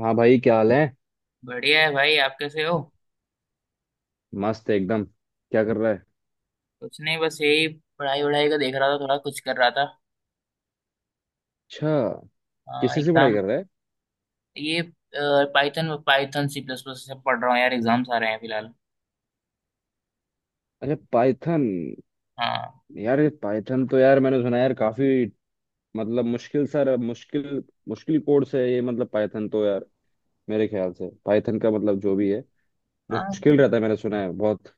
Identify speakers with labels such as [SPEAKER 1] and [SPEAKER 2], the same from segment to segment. [SPEAKER 1] हाँ भाई, क्या हाल है।
[SPEAKER 2] बढ़िया है भाई। आप कैसे हो?
[SPEAKER 1] मस्त एकदम। क्या कर रहा है।
[SPEAKER 2] कुछ नहीं, बस यही। पढ़ाई वढ़ाई का देख रहा था, थोड़ा कुछ कर रहा था।
[SPEAKER 1] अच्छा, किसी से पढ़ाई
[SPEAKER 2] एग्जाम।
[SPEAKER 1] कर रहा है।
[SPEAKER 2] ये। Python Python, C plus plus, सब पढ़ रहा हूँ यार। एग्जाम्स आ रहे हैं फिलहाल।
[SPEAKER 1] अच्छा, पाइथन।
[SPEAKER 2] हाँ।
[SPEAKER 1] यार, ये पाइथन तो यार मैंने सुना है यार काफी, मतलब मुश्किल सर, मुश्किल, मुश्किल कोर्स है ये, मतलब पाइथन तो यार मेरे ख्याल से पाइथन का, मतलब जो भी है
[SPEAKER 2] हाँ।
[SPEAKER 1] मुश्किल रहता है, मैंने सुना है बहुत।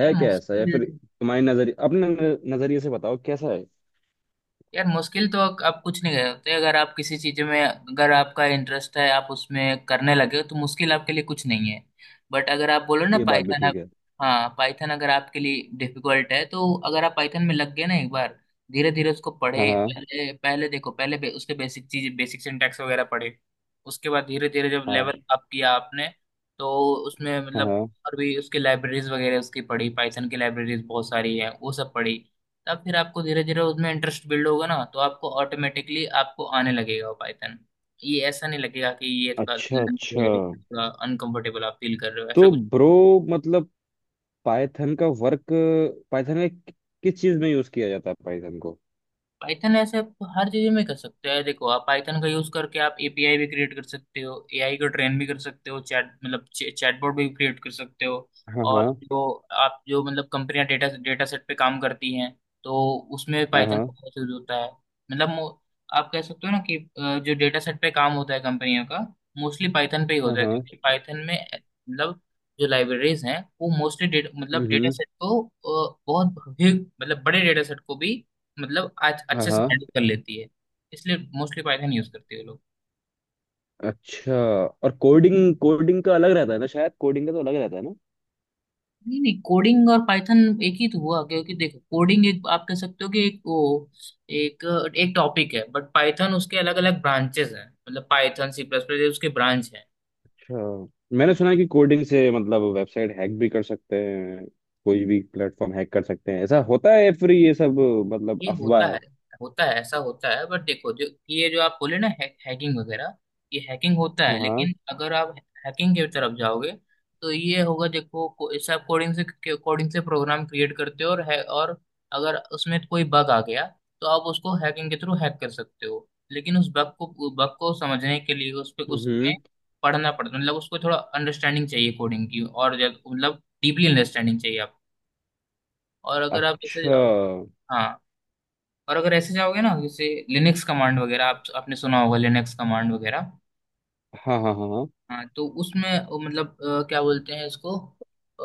[SPEAKER 2] ये
[SPEAKER 1] क्या ऐसा, या फिर
[SPEAKER 2] मुश्किल।
[SPEAKER 1] तुम्हारी नजरिए, अपने नजरिए से बताओ कैसा है।
[SPEAKER 2] यार, मुश्किल तो आप कुछ नहीं कर सकते। अगर आप किसी चीज में, अगर आपका इंटरेस्ट है, आप उसमें करने लगे हो, तो मुश्किल आपके लिए कुछ नहीं है। बट अगर आप बोलो ना
[SPEAKER 1] ये बात भी
[SPEAKER 2] पाइथन आप।
[SPEAKER 1] ठीक है।
[SPEAKER 2] हाँ। पाइथन अगर आपके लिए डिफिकल्ट है, तो अगर आप पाइथन में लग गए ना एक बार, धीरे धीरे उसको
[SPEAKER 1] हाँ
[SPEAKER 2] पढ़े।
[SPEAKER 1] हाँ।
[SPEAKER 2] पहले पहले देखो, उसके बेसिक चीज, बेसिक सिंटैक्स वगैरह पढ़े। उसके बाद धीरे धीरे जब
[SPEAKER 1] हाँ
[SPEAKER 2] लेवल अप किया आपने। तो उसमें
[SPEAKER 1] हाँ
[SPEAKER 2] मतलब।
[SPEAKER 1] हाँ।
[SPEAKER 2] और भी उसकी लाइब्रेरीज वगैरह उसकी पढ़ी, पाइथन की लाइब्रेरीज बहुत सारी है, वो सब पढ़ी। तब फिर आपको धीरे धीरे उसमें इंटरेस्ट बिल्ड होगा ना, तो आपको ऑटोमेटिकली आपको आने लगेगा वो पाइथन। ये ऐसा नहीं लगेगा कि ये थोड़ा
[SPEAKER 1] अच्छा
[SPEAKER 2] लंबी
[SPEAKER 1] अच्छा।
[SPEAKER 2] है, थोड़ा अनकंफर्टेबल आप फील कर रहे हो, ऐसा
[SPEAKER 1] तो
[SPEAKER 2] कुछ।
[SPEAKER 1] ब्रो, मतलब पाइथन का वर्क, पाइथन में किस चीज में यूज किया जाता है पाइथन को।
[SPEAKER 2] पाइथन ऐसे आप हर चीज में कर सकते हैं। देखो, आप पाइथन का यूज करके आप एपीआई भी क्रिएट कर सकते हो, एआई को ट्रेन भी कर सकते हो, चैट मतलब, चैटबॉट भी क्रिएट कर सकते हो।
[SPEAKER 1] हाँ
[SPEAKER 2] और
[SPEAKER 1] हाँ।
[SPEAKER 2] जो आप, जो मतलब, कंपनियां डेटा डेटा सेट पे काम करती हैं, तो उसमें
[SPEAKER 1] हाँ
[SPEAKER 2] पाइथन
[SPEAKER 1] हाँ।
[SPEAKER 2] का बहुत यूज होता है। मतलब आप कह सकते हो ना कि जो डेटा सेट पे काम होता है कंपनियों का, मोस्टली पाइथन पे ही
[SPEAKER 1] हाँ
[SPEAKER 2] होता है,
[SPEAKER 1] हाँ,
[SPEAKER 2] क्योंकि पाइथन में मतलब, जो लाइब्रेरीज हैं वो मोस्टली, मतलब डेटा
[SPEAKER 1] हम्म।
[SPEAKER 2] सेट को बहुत मतलब, बड़े डेटा सेट को भी मतलब आज
[SPEAKER 1] हाँ
[SPEAKER 2] अच्छे से
[SPEAKER 1] हाँ।
[SPEAKER 2] हैंडल कर लेती है। इसलिए मोस्टली पाइथन यूज करते हैं लोग।
[SPEAKER 1] अच्छा। और कोडिंग, कोडिंग का अलग रहता है ना शायद, कोडिंग का तो अलग रहता है ना।
[SPEAKER 2] नहीं नहीं, कोडिंग और पाइथन एक ही तो हुआ, क्योंकि देखो, कोडिंग एक, आप कह सकते हो कि एक वो, एक एक टॉपिक है। बट पाइथन उसके अलग अलग ब्रांचेस हैं, मतलब पाइथन, सी प्लस प्लस उसके ब्रांच हैं।
[SPEAKER 1] अच्छा, मैंने सुना है कि कोडिंग से मतलब वेबसाइट हैक भी कर सकते हैं, कोई भी प्लेटफॉर्म हैक कर सकते हैं, ऐसा होता है या फिर ये सब मतलब
[SPEAKER 2] ये
[SPEAKER 1] अफवाह
[SPEAKER 2] होता है,
[SPEAKER 1] है।
[SPEAKER 2] होता है, ऐसा होता है। बट देखो, जो ये जो आप बोले ना है, हैकिंग वगैरह, ये हैकिंग होता है,
[SPEAKER 1] हाँ हाँ,
[SPEAKER 2] लेकिन अगर आप हैकिंग की तरफ जाओगे तो ये होगा। देखो, इससे आप कोडिंग से प्रोग्राम क्रिएट करते हो, और है, और अगर उसमें कोई बग आ गया, तो आप उसको हैकिंग के थ्रू हैक कर सकते हो। लेकिन उस बग को समझने के लिए उस पे उसमें
[SPEAKER 1] हम्म।
[SPEAKER 2] पढ़ना पड़ता है, मतलब उसको थोड़ा अंडरस्टैंडिंग चाहिए कोडिंग की। और मतलब, डीपली अंडरस्टैंडिंग चाहिए आप। और अगर आप जैसे,
[SPEAKER 1] अच्छा।
[SPEAKER 2] हाँ, और अगर ऐसे जाओगे ना, जैसे लिनक्स कमांड वगैरह, आप आपने सुना होगा, लिनक्स कमांड वगैरह।
[SPEAKER 1] हाँ हाँ। हाँ हाँ।
[SPEAKER 2] हाँ। तो उसमें वो मतलब, क्या बोलते हैं इसको। अ,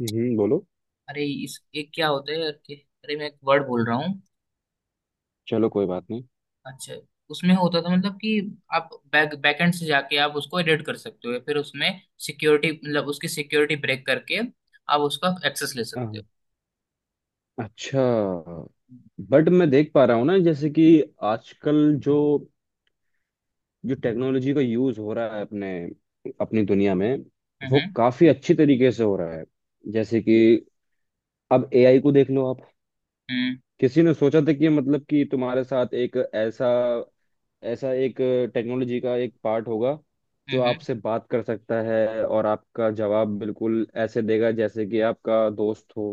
[SPEAKER 1] हम्म, बोलो।
[SPEAKER 2] अरे, इस एक क्या होता है यार, कि अरे, मैं एक वर्ड बोल रहा हूँ।
[SPEAKER 1] चलो कोई बात नहीं।
[SPEAKER 2] अच्छा। उसमें होता था मतलब कि, आप बैकएंड से जाके आप उसको एडिट कर सकते हो, या फिर उसमें सिक्योरिटी, मतलब उसकी सिक्योरिटी ब्रेक करके आप उसका एक्सेस ले
[SPEAKER 1] हाँ,
[SPEAKER 2] सकते हो।
[SPEAKER 1] हाँ। अच्छा।
[SPEAKER 2] हम्म।
[SPEAKER 1] बट मैं देख पा रहा हूँ ना, जैसे कि आजकल जो जो टेक्नोलॉजी का यूज हो रहा है अपने अपनी दुनिया में, वो
[SPEAKER 2] हम्म।
[SPEAKER 1] काफी अच्छी तरीके से हो रहा है। जैसे कि अब एआई को देख लो आप,
[SPEAKER 2] हम्म।
[SPEAKER 1] किसी ने सोचा था कि मतलब कि तुम्हारे साथ एक ऐसा, ऐसा एक टेक्नोलॉजी का एक पार्ट होगा जो
[SPEAKER 2] हम्म। हम्म।
[SPEAKER 1] आपसे बात कर सकता है और आपका जवाब बिल्कुल ऐसे देगा जैसे कि आपका दोस्त हो।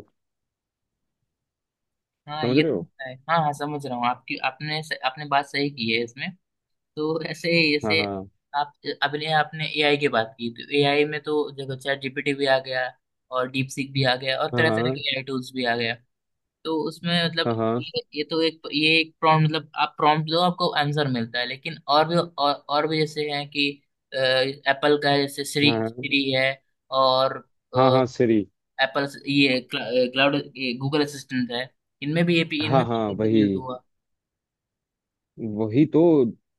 [SPEAKER 2] हाँ,
[SPEAKER 1] समझ
[SPEAKER 2] ये
[SPEAKER 1] रहे
[SPEAKER 2] तो
[SPEAKER 1] हो।
[SPEAKER 2] होता है। हाँ हाँ, समझ रहा हूँ। आपकी आपने आपने बात सही की है इसमें। तो ऐसे ही
[SPEAKER 1] हाँ
[SPEAKER 2] जैसे,
[SPEAKER 1] हाँ।
[SPEAKER 2] आप अपने आपने एआई की बात की, तो एआई में तो देखो, चैट जीपीटी भी आ गया, और डीप सीक भी आ गया, और
[SPEAKER 1] हाँ
[SPEAKER 2] तरह तरह
[SPEAKER 1] हाँ।
[SPEAKER 2] के एआई टूल्स भी आ गया। तो उसमें मतलब,
[SPEAKER 1] हाँ हाँ।
[SPEAKER 2] ये तो एक, ये एक प्रॉम्प्ट मतलब, आप प्रॉम्प्ट दो, आपको आंसर मिलता है। लेकिन और भी जैसे हैं कि, एप्पल का है, जैसे श्री
[SPEAKER 1] हाँ
[SPEAKER 2] श्री है। और,
[SPEAKER 1] हाँ। हाँ सिरी।
[SPEAKER 2] एप्पल ये क्लाउड, गूगल असिस्टेंट है। इनमें भी ये
[SPEAKER 1] हाँ
[SPEAKER 2] इनमें भी
[SPEAKER 1] हाँ,
[SPEAKER 2] ये सब
[SPEAKER 1] वही।
[SPEAKER 2] यूज हुआ।
[SPEAKER 1] वही तो,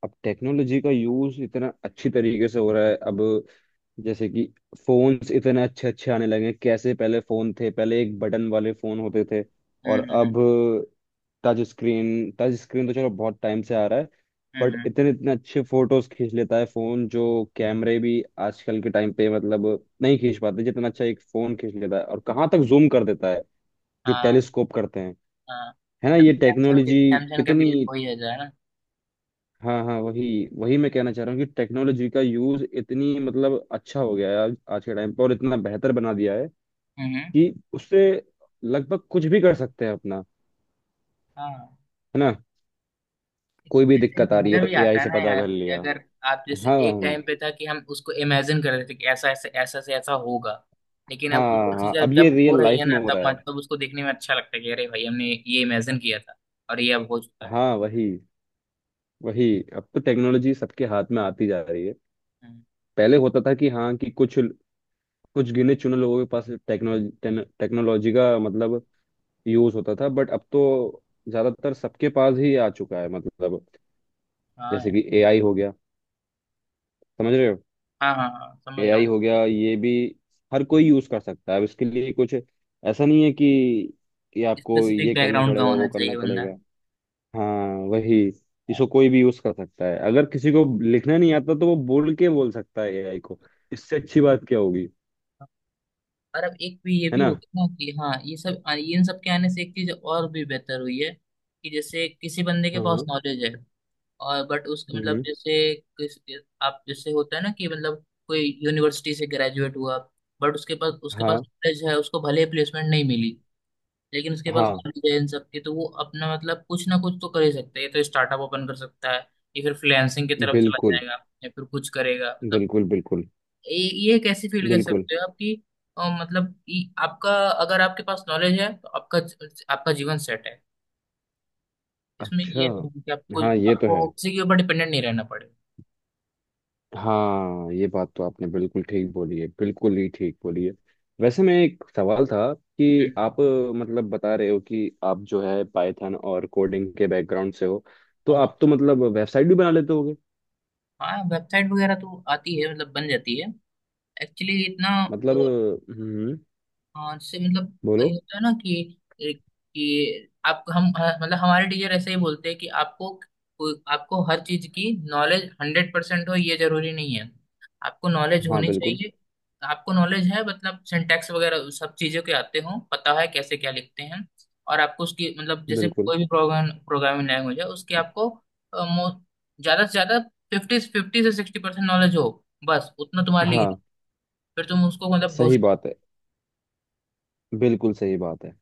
[SPEAKER 1] अब टेक्नोलॉजी का यूज इतना अच्छी तरीके से हो रहा है अब। जैसे कि फोन्स इतने अच्छे अच्छे आने लगे हैं, कैसे पहले फोन थे, पहले एक बटन वाले फोन होते थे और
[SPEAKER 2] हम्म। हम्म।
[SPEAKER 1] अब टच स्क्रीन, टच स्क्रीन तो चलो बहुत टाइम से आ रहा है।
[SPEAKER 2] हम्म।
[SPEAKER 1] बट
[SPEAKER 2] हम्म।
[SPEAKER 1] इतने इतने अच्छे फोटोज खींच लेता है फोन, जो कैमरे भी आजकल के टाइम पे, मतलब नहीं खींच पाते जितना अच्छा एक फोन खींच लेता है, और कहाँ तक जूम कर देता है जो
[SPEAKER 2] हाँ।
[SPEAKER 1] टेलीस्कोप करते हैं।
[SPEAKER 2] हाँ।
[SPEAKER 1] है ना ये
[SPEAKER 2] अभी
[SPEAKER 1] टेक्नोलॉजी
[SPEAKER 2] सैमसंग का
[SPEAKER 1] कितनी।
[SPEAKER 2] भी वही है जो, है ना।
[SPEAKER 1] हाँ हाँ, वही। वही मैं कहना चाह रहा हूँ कि टेक्नोलॉजी का यूज इतनी मतलब अच्छा हो गया है आज, आज के टाइम पर, और इतना बेहतर बना दिया है
[SPEAKER 2] हम्म।
[SPEAKER 1] कि उससे लगभग कुछ भी कर सकते हैं अपना।
[SPEAKER 2] हाँ,
[SPEAKER 1] है ना। कोई भी
[SPEAKER 2] ऐसे ही
[SPEAKER 1] दिक्कत आ रही है
[SPEAKER 2] मजा
[SPEAKER 1] तो
[SPEAKER 2] भी
[SPEAKER 1] एआई
[SPEAKER 2] आता है
[SPEAKER 1] से
[SPEAKER 2] ना
[SPEAKER 1] पता
[SPEAKER 2] यार,
[SPEAKER 1] कर
[SPEAKER 2] कि
[SPEAKER 1] लिया।
[SPEAKER 2] अगर आप जैसे,
[SPEAKER 1] हाँ हाँ।
[SPEAKER 2] एक टाइम पे था कि हम उसको इमेजिन कर रहे थे कि ऐसा ऐसे, ऐसा से ऐसा होगा, लेकिन अब वो
[SPEAKER 1] हाँ,
[SPEAKER 2] चीजें
[SPEAKER 1] अब ये
[SPEAKER 2] जब हो
[SPEAKER 1] रियल
[SPEAKER 2] रही
[SPEAKER 1] लाइफ
[SPEAKER 2] है ना,
[SPEAKER 1] में हो
[SPEAKER 2] तब
[SPEAKER 1] रहा है।
[SPEAKER 2] मतलब उसको देखने में अच्छा लगता है कि अरे भाई, हमने ये इमेजिन किया था, और ये अब हो चुका है।
[SPEAKER 1] हाँ, वही। वही, अब तो टेक्नोलॉजी सबके हाथ में आती जा रही है।
[SPEAKER 2] हम्म।
[SPEAKER 1] पहले होता था कि हाँ कि कुछ, कुछ गिने चुने लोगों के पास टेक्नोलॉजी, टेक्नोलॉजी का मतलब यूज होता था, बट अब तो ज्यादातर सबके पास ही आ चुका है मतलब।
[SPEAKER 2] हाँ
[SPEAKER 1] जैसे
[SPEAKER 2] यार।
[SPEAKER 1] कि एआई हो गया। समझ रहे हो।
[SPEAKER 2] हाँ, हाँ, हाँ, समझ रहा
[SPEAKER 1] एआई
[SPEAKER 2] हूँ।
[SPEAKER 1] हो गया, ये भी हर कोई यूज कर सकता है अब, इसके लिए कुछ ऐसा नहीं है कि आपको
[SPEAKER 2] स्पेसिफिक
[SPEAKER 1] ये करना
[SPEAKER 2] बैकग्राउंड का
[SPEAKER 1] पड़ेगा, वो
[SPEAKER 2] होना
[SPEAKER 1] करना
[SPEAKER 2] चाहिए बंदा।
[SPEAKER 1] पड़ेगा। हाँ वही। इसको कोई भी यूज कर सकता है, अगर किसी को लिखना नहीं आता तो वो बोल के बोल सकता है एआई को। इससे अच्छी बात क्या होगी।
[SPEAKER 2] और अब एक भी ये
[SPEAKER 1] है
[SPEAKER 2] भी
[SPEAKER 1] ना।
[SPEAKER 2] हो गया ना कि हाँ, ये सब इन सब के आने से एक चीज और भी बेहतर हुई है, कि जैसे किसी बंदे के पास
[SPEAKER 1] हाँ,
[SPEAKER 2] नॉलेज है, और बट उसके मतलब,
[SPEAKER 1] हम्म।
[SPEAKER 2] जैसे किस आप जैसे होता है ना कि, मतलब कोई यूनिवर्सिटी से ग्रेजुएट हुआ, बट उसके पास
[SPEAKER 1] हाँ
[SPEAKER 2] नॉलेज है, उसको भले प्लेसमेंट नहीं मिली, लेकिन उसके पास
[SPEAKER 1] हाँ।
[SPEAKER 2] नॉलेज है इन सब की, तो वो अपना, मतलब, कुछ ना कुछ तो कर ही सकता है। ये तो स्टार्टअप ओपन कर सकता है, या फिर फ्रीलांसिंग की तरफ चला
[SPEAKER 1] बिल्कुल
[SPEAKER 2] जाएगा, या फिर कुछ करेगा, मतलब,
[SPEAKER 1] बिल्कुल। बिल्कुल
[SPEAKER 2] ये ये एक ऐसी फील्ड कह
[SPEAKER 1] बिल्कुल।
[SPEAKER 2] सकते हो आपकी, मतलब ये आपका, अगर आपके पास नॉलेज है तो आपका, आपका जीवन सेट है। इसमें
[SPEAKER 1] अच्छा,
[SPEAKER 2] ये नहीं है कि आपको,
[SPEAKER 1] हाँ ये तो है।
[SPEAKER 2] आपको किसी के ऊपर डिपेंडेंट नहीं रहना पड़े।
[SPEAKER 1] हाँ ये बात तो आपने बिल्कुल ठीक बोली है, बिल्कुल ही ठीक बोली है। वैसे मैं एक सवाल था कि
[SPEAKER 2] हम्म।
[SPEAKER 1] आप, मतलब बता रहे हो कि आप जो है पाइथन और कोडिंग के बैकग्राउंड से हो, तो
[SPEAKER 2] हाँ।
[SPEAKER 1] आप तो मतलब वेबसाइट भी बना लेते होगे।
[SPEAKER 2] हाँ, वेबसाइट वगैरह तो आती है, मतलब बन जाती है। एक्चुअली इतना।
[SPEAKER 1] हम्म,
[SPEAKER 2] हाँ, जैसे मतलब, ये
[SPEAKER 1] बोलो।
[SPEAKER 2] होता है ना कि आप, हम मतलब, हमारे टीचर ऐसे ही बोलते हैं कि आपको आपको हर चीज की नॉलेज 100% हो, ये जरूरी नहीं है। आपको नॉलेज
[SPEAKER 1] हाँ
[SPEAKER 2] होनी
[SPEAKER 1] बिल्कुल
[SPEAKER 2] चाहिए। आपको नॉलेज है, मतलब सिंटैक्स वगैरह सब चीजों के आते हो, पता है कैसे क्या लिखते हैं। और आपको उसकी मतलब, जैसे
[SPEAKER 1] बिल्कुल।
[SPEAKER 2] कोई भी प्रोग्राम, प्रोग्रामिंग लैंग्वेज है, उसकी आपको अ, मो- ज्यादा से ज्यादा फिफ्टी फिफ्टी से 60% नॉलेज हो, बस उतना तुम्हारे लिए ही
[SPEAKER 1] हाँ
[SPEAKER 2] है। फिर तुम उसको मतलब,
[SPEAKER 1] सही बात है, बिल्कुल सही बात है।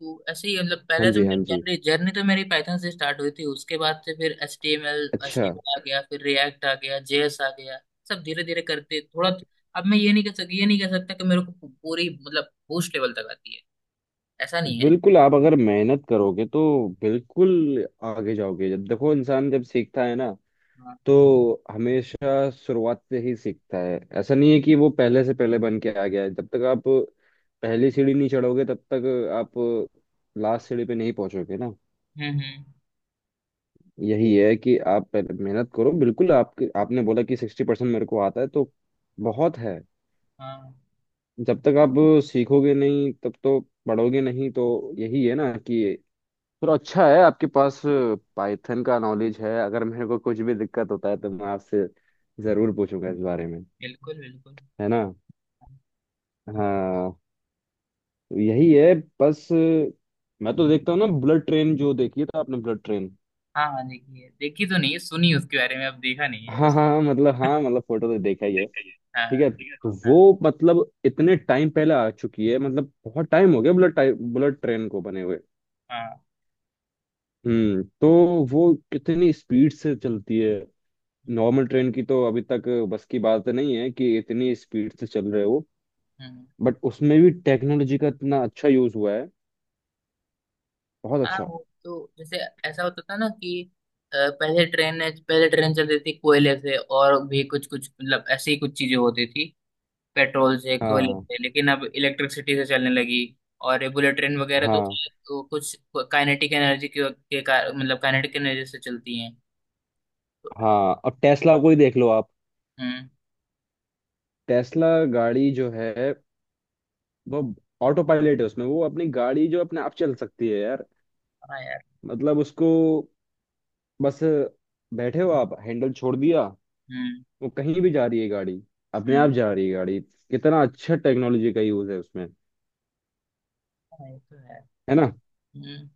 [SPEAKER 2] तो ऐसे ही मतलब, पहले
[SPEAKER 1] हाँ
[SPEAKER 2] तो
[SPEAKER 1] जी,
[SPEAKER 2] मेरी
[SPEAKER 1] हाँ जी।
[SPEAKER 2] जर्नी जर्नी तो मेरी पाइथन से स्टार्ट हुई थी, उसके बाद से फिर H T M L H
[SPEAKER 1] अच्छा।
[SPEAKER 2] टी एम एल आ गया, फिर रिएक्ट आ गया, जेएस आ गया, सब धीरे धीरे करते थोड़ा। अब मैं ये नहीं कह सक ये नहीं कह सकता कि मेरे को पूरी मतलब बूस्ट लेवल तक आती है, ऐसा नहीं है।
[SPEAKER 1] बिल्कुल, आप अगर मेहनत करोगे तो बिल्कुल आगे जाओगे। जब देखो इंसान जब सीखता है ना,
[SPEAKER 2] हाँ।
[SPEAKER 1] तो हमेशा शुरुआत से ही सीखता है, ऐसा नहीं है कि वो पहले से पहले बन के आ गया है। जब तक आप पहली सीढ़ी नहीं चढ़ोगे तब तक आप लास्ट सीढ़ी पे नहीं पहुंचोगे ना।
[SPEAKER 2] हम्म। हम्म।
[SPEAKER 1] यही है कि आप पहले मेहनत करो। बिल्कुल आपके, आपने बोला कि 60% मेरे को आता है, तो बहुत है।
[SPEAKER 2] हाँ,
[SPEAKER 1] जब तक आप सीखोगे नहीं, तब तो, पढ़ोगे नहीं तो, यही है ना कि थोड़ा अच्छा है आपके पास पाइथन का नॉलेज है। अगर मेरे को कुछ भी दिक्कत होता है तो मैं आपसे जरूर पूछूंगा इस बारे में।
[SPEAKER 2] बिल्कुल बिल्कुल।
[SPEAKER 1] है ना। हाँ। यही है बस। मैं तो देखता हूँ ना, ब्लड ट्रेन जो देखी है तो, आपने ब्लड ट्रेन।
[SPEAKER 2] हाँ हाँ, देखी है, देखी तो नहीं है, सुनी उसके बारे में, अब देखा नहीं है
[SPEAKER 1] हाँ हाँ
[SPEAKER 2] उस।
[SPEAKER 1] हाँ, मतलब हाँ, मतलब फोटो तो देखा ही है।
[SPEAKER 2] देखा ही है
[SPEAKER 1] ठीक
[SPEAKER 2] हाँ,
[SPEAKER 1] है,
[SPEAKER 2] ठीक
[SPEAKER 1] तो
[SPEAKER 2] है। हाँ,
[SPEAKER 1] वो मतलब इतने टाइम पहले आ चुकी है, मतलब बहुत टाइम हो गया ब्लड टाइम, ब्लड ट्रेन को बने हुए।
[SPEAKER 2] हाँ, हाँ।
[SPEAKER 1] हम्म, तो वो कितनी स्पीड से चलती है, नॉर्मल ट्रेन की तो अभी तक बस की बात नहीं है कि इतनी स्पीड से चल रहे हो।
[SPEAKER 2] हम्म।
[SPEAKER 1] बट उसमें भी टेक्नोलॉजी का इतना अच्छा यूज हुआ है, बहुत
[SPEAKER 2] हाँ,
[SPEAKER 1] अच्छा।
[SPEAKER 2] वो तो जैसे, ऐसा होता था ना कि, अ, पहले ट्रेन पहले ट्रेन चलती थी कोयले से और भी कुछ कुछ, मतलब ऐसी ही कुछ चीजें होती थी, पेट्रोल से, कोयले
[SPEAKER 1] हाँ।
[SPEAKER 2] से, लेकिन अब इलेक्ट्रिसिटी से चलने लगी। और ये बुलेट ट्रेन वगैरह तो,
[SPEAKER 1] हाँ,
[SPEAKER 2] तो कुछ काइनेटिक एनर्जी के का, मतलब काइनेटिक एनर्जी से चलती हैं। तो,
[SPEAKER 1] हाँ अब टेस्ला को ही देख लो आप।
[SPEAKER 2] हम्म।
[SPEAKER 1] टेस्ला गाड़ी जो है, वो ऑटो पायलट है उसमें, वो अपनी गाड़ी जो अपने आप चल सकती है यार।
[SPEAKER 2] हाँ यार।
[SPEAKER 1] मतलब उसको बस, बैठे हो आप, हैंडल छोड़ दिया,
[SPEAKER 2] हम्म।
[SPEAKER 1] वो कहीं भी जा रही है गाड़ी, अपने आप
[SPEAKER 2] हम्म।
[SPEAKER 1] जा रही है गाड़ी। कितना अच्छा टेक्नोलॉजी का यूज है उसमें।
[SPEAKER 2] हाँ, ये तो है।
[SPEAKER 1] है ना।
[SPEAKER 2] हम्म।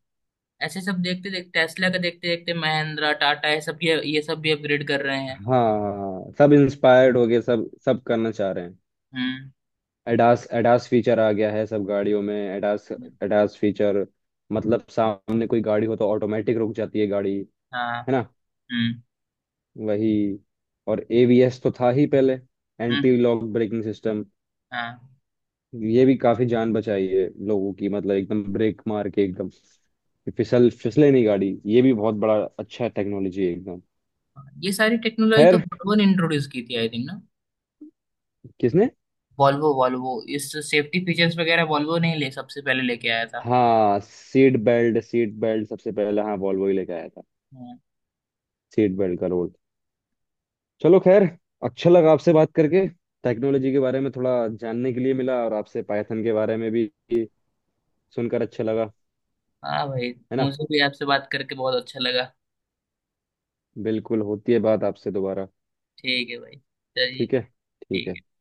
[SPEAKER 2] ऐसे सब देखते देखते टेस्ला का, देखते देखते महिंद्रा, टाटा, ये सब, ये सब भी अपग्रेड कर रहे हैं।
[SPEAKER 1] हाँ, सब इंस्पायर्ड हो गए, सब सब करना चाह रहे हैं।
[SPEAKER 2] हम्म।
[SPEAKER 1] एडास, एडास फीचर आ गया है सब गाड़ियों में। एडास,
[SPEAKER 2] हम्म।
[SPEAKER 1] एडास फीचर मतलब सामने कोई गाड़ी हो तो ऑटोमेटिक रुक जाती है गाड़ी,
[SPEAKER 2] हाँ।
[SPEAKER 1] है ना।
[SPEAKER 2] हम्म।
[SPEAKER 1] वही। और एबीएस तो था ही पहले,
[SPEAKER 2] हम्म।
[SPEAKER 1] Anti lock braking system.
[SPEAKER 2] हाँ।
[SPEAKER 1] ये भी काफी जान बचाई है लोगों की, मतलब एकदम ब्रेक मार के एकदम कि फिसल, फिसले नहीं गाड़ी, ये भी बहुत बड़ा अच्छा टेक्नोलॉजी है एकदम।
[SPEAKER 2] ये सारी टेक्नोलॉजी तो
[SPEAKER 1] खैर,
[SPEAKER 2] वॉल्वो ने इंट्रोड्यूस की थी आई थिंक ना।
[SPEAKER 1] किसने।
[SPEAKER 2] वॉल्वो वॉल्वो, इस सेफ्टी फीचर्स वगैरह वॉल्वो ने ही ले सबसे पहले लेके आया था।
[SPEAKER 1] हाँ, सीट बेल्ट, सीट बेल्ट सबसे पहले हाँ वॉल्वो ही लेके आया था।
[SPEAKER 2] हाँ।
[SPEAKER 1] सीट बेल्ट का रोल, चलो खैर। अच्छा लगा आपसे बात करके, टेक्नोलॉजी के बारे में थोड़ा जानने के लिए मिला, और आपसे पाइथन के बारे में भी सुनकर अच्छा लगा।
[SPEAKER 2] हाँ भाई,
[SPEAKER 1] है ना।
[SPEAKER 2] मुझे भी आपसे बात करके बहुत अच्छा लगा।
[SPEAKER 1] बिल्कुल, होती है बात आपसे दोबारा।
[SPEAKER 2] ठीक है भाई, चलिए।
[SPEAKER 1] ठीक है। ठीक
[SPEAKER 2] ठीक है।
[SPEAKER 1] है।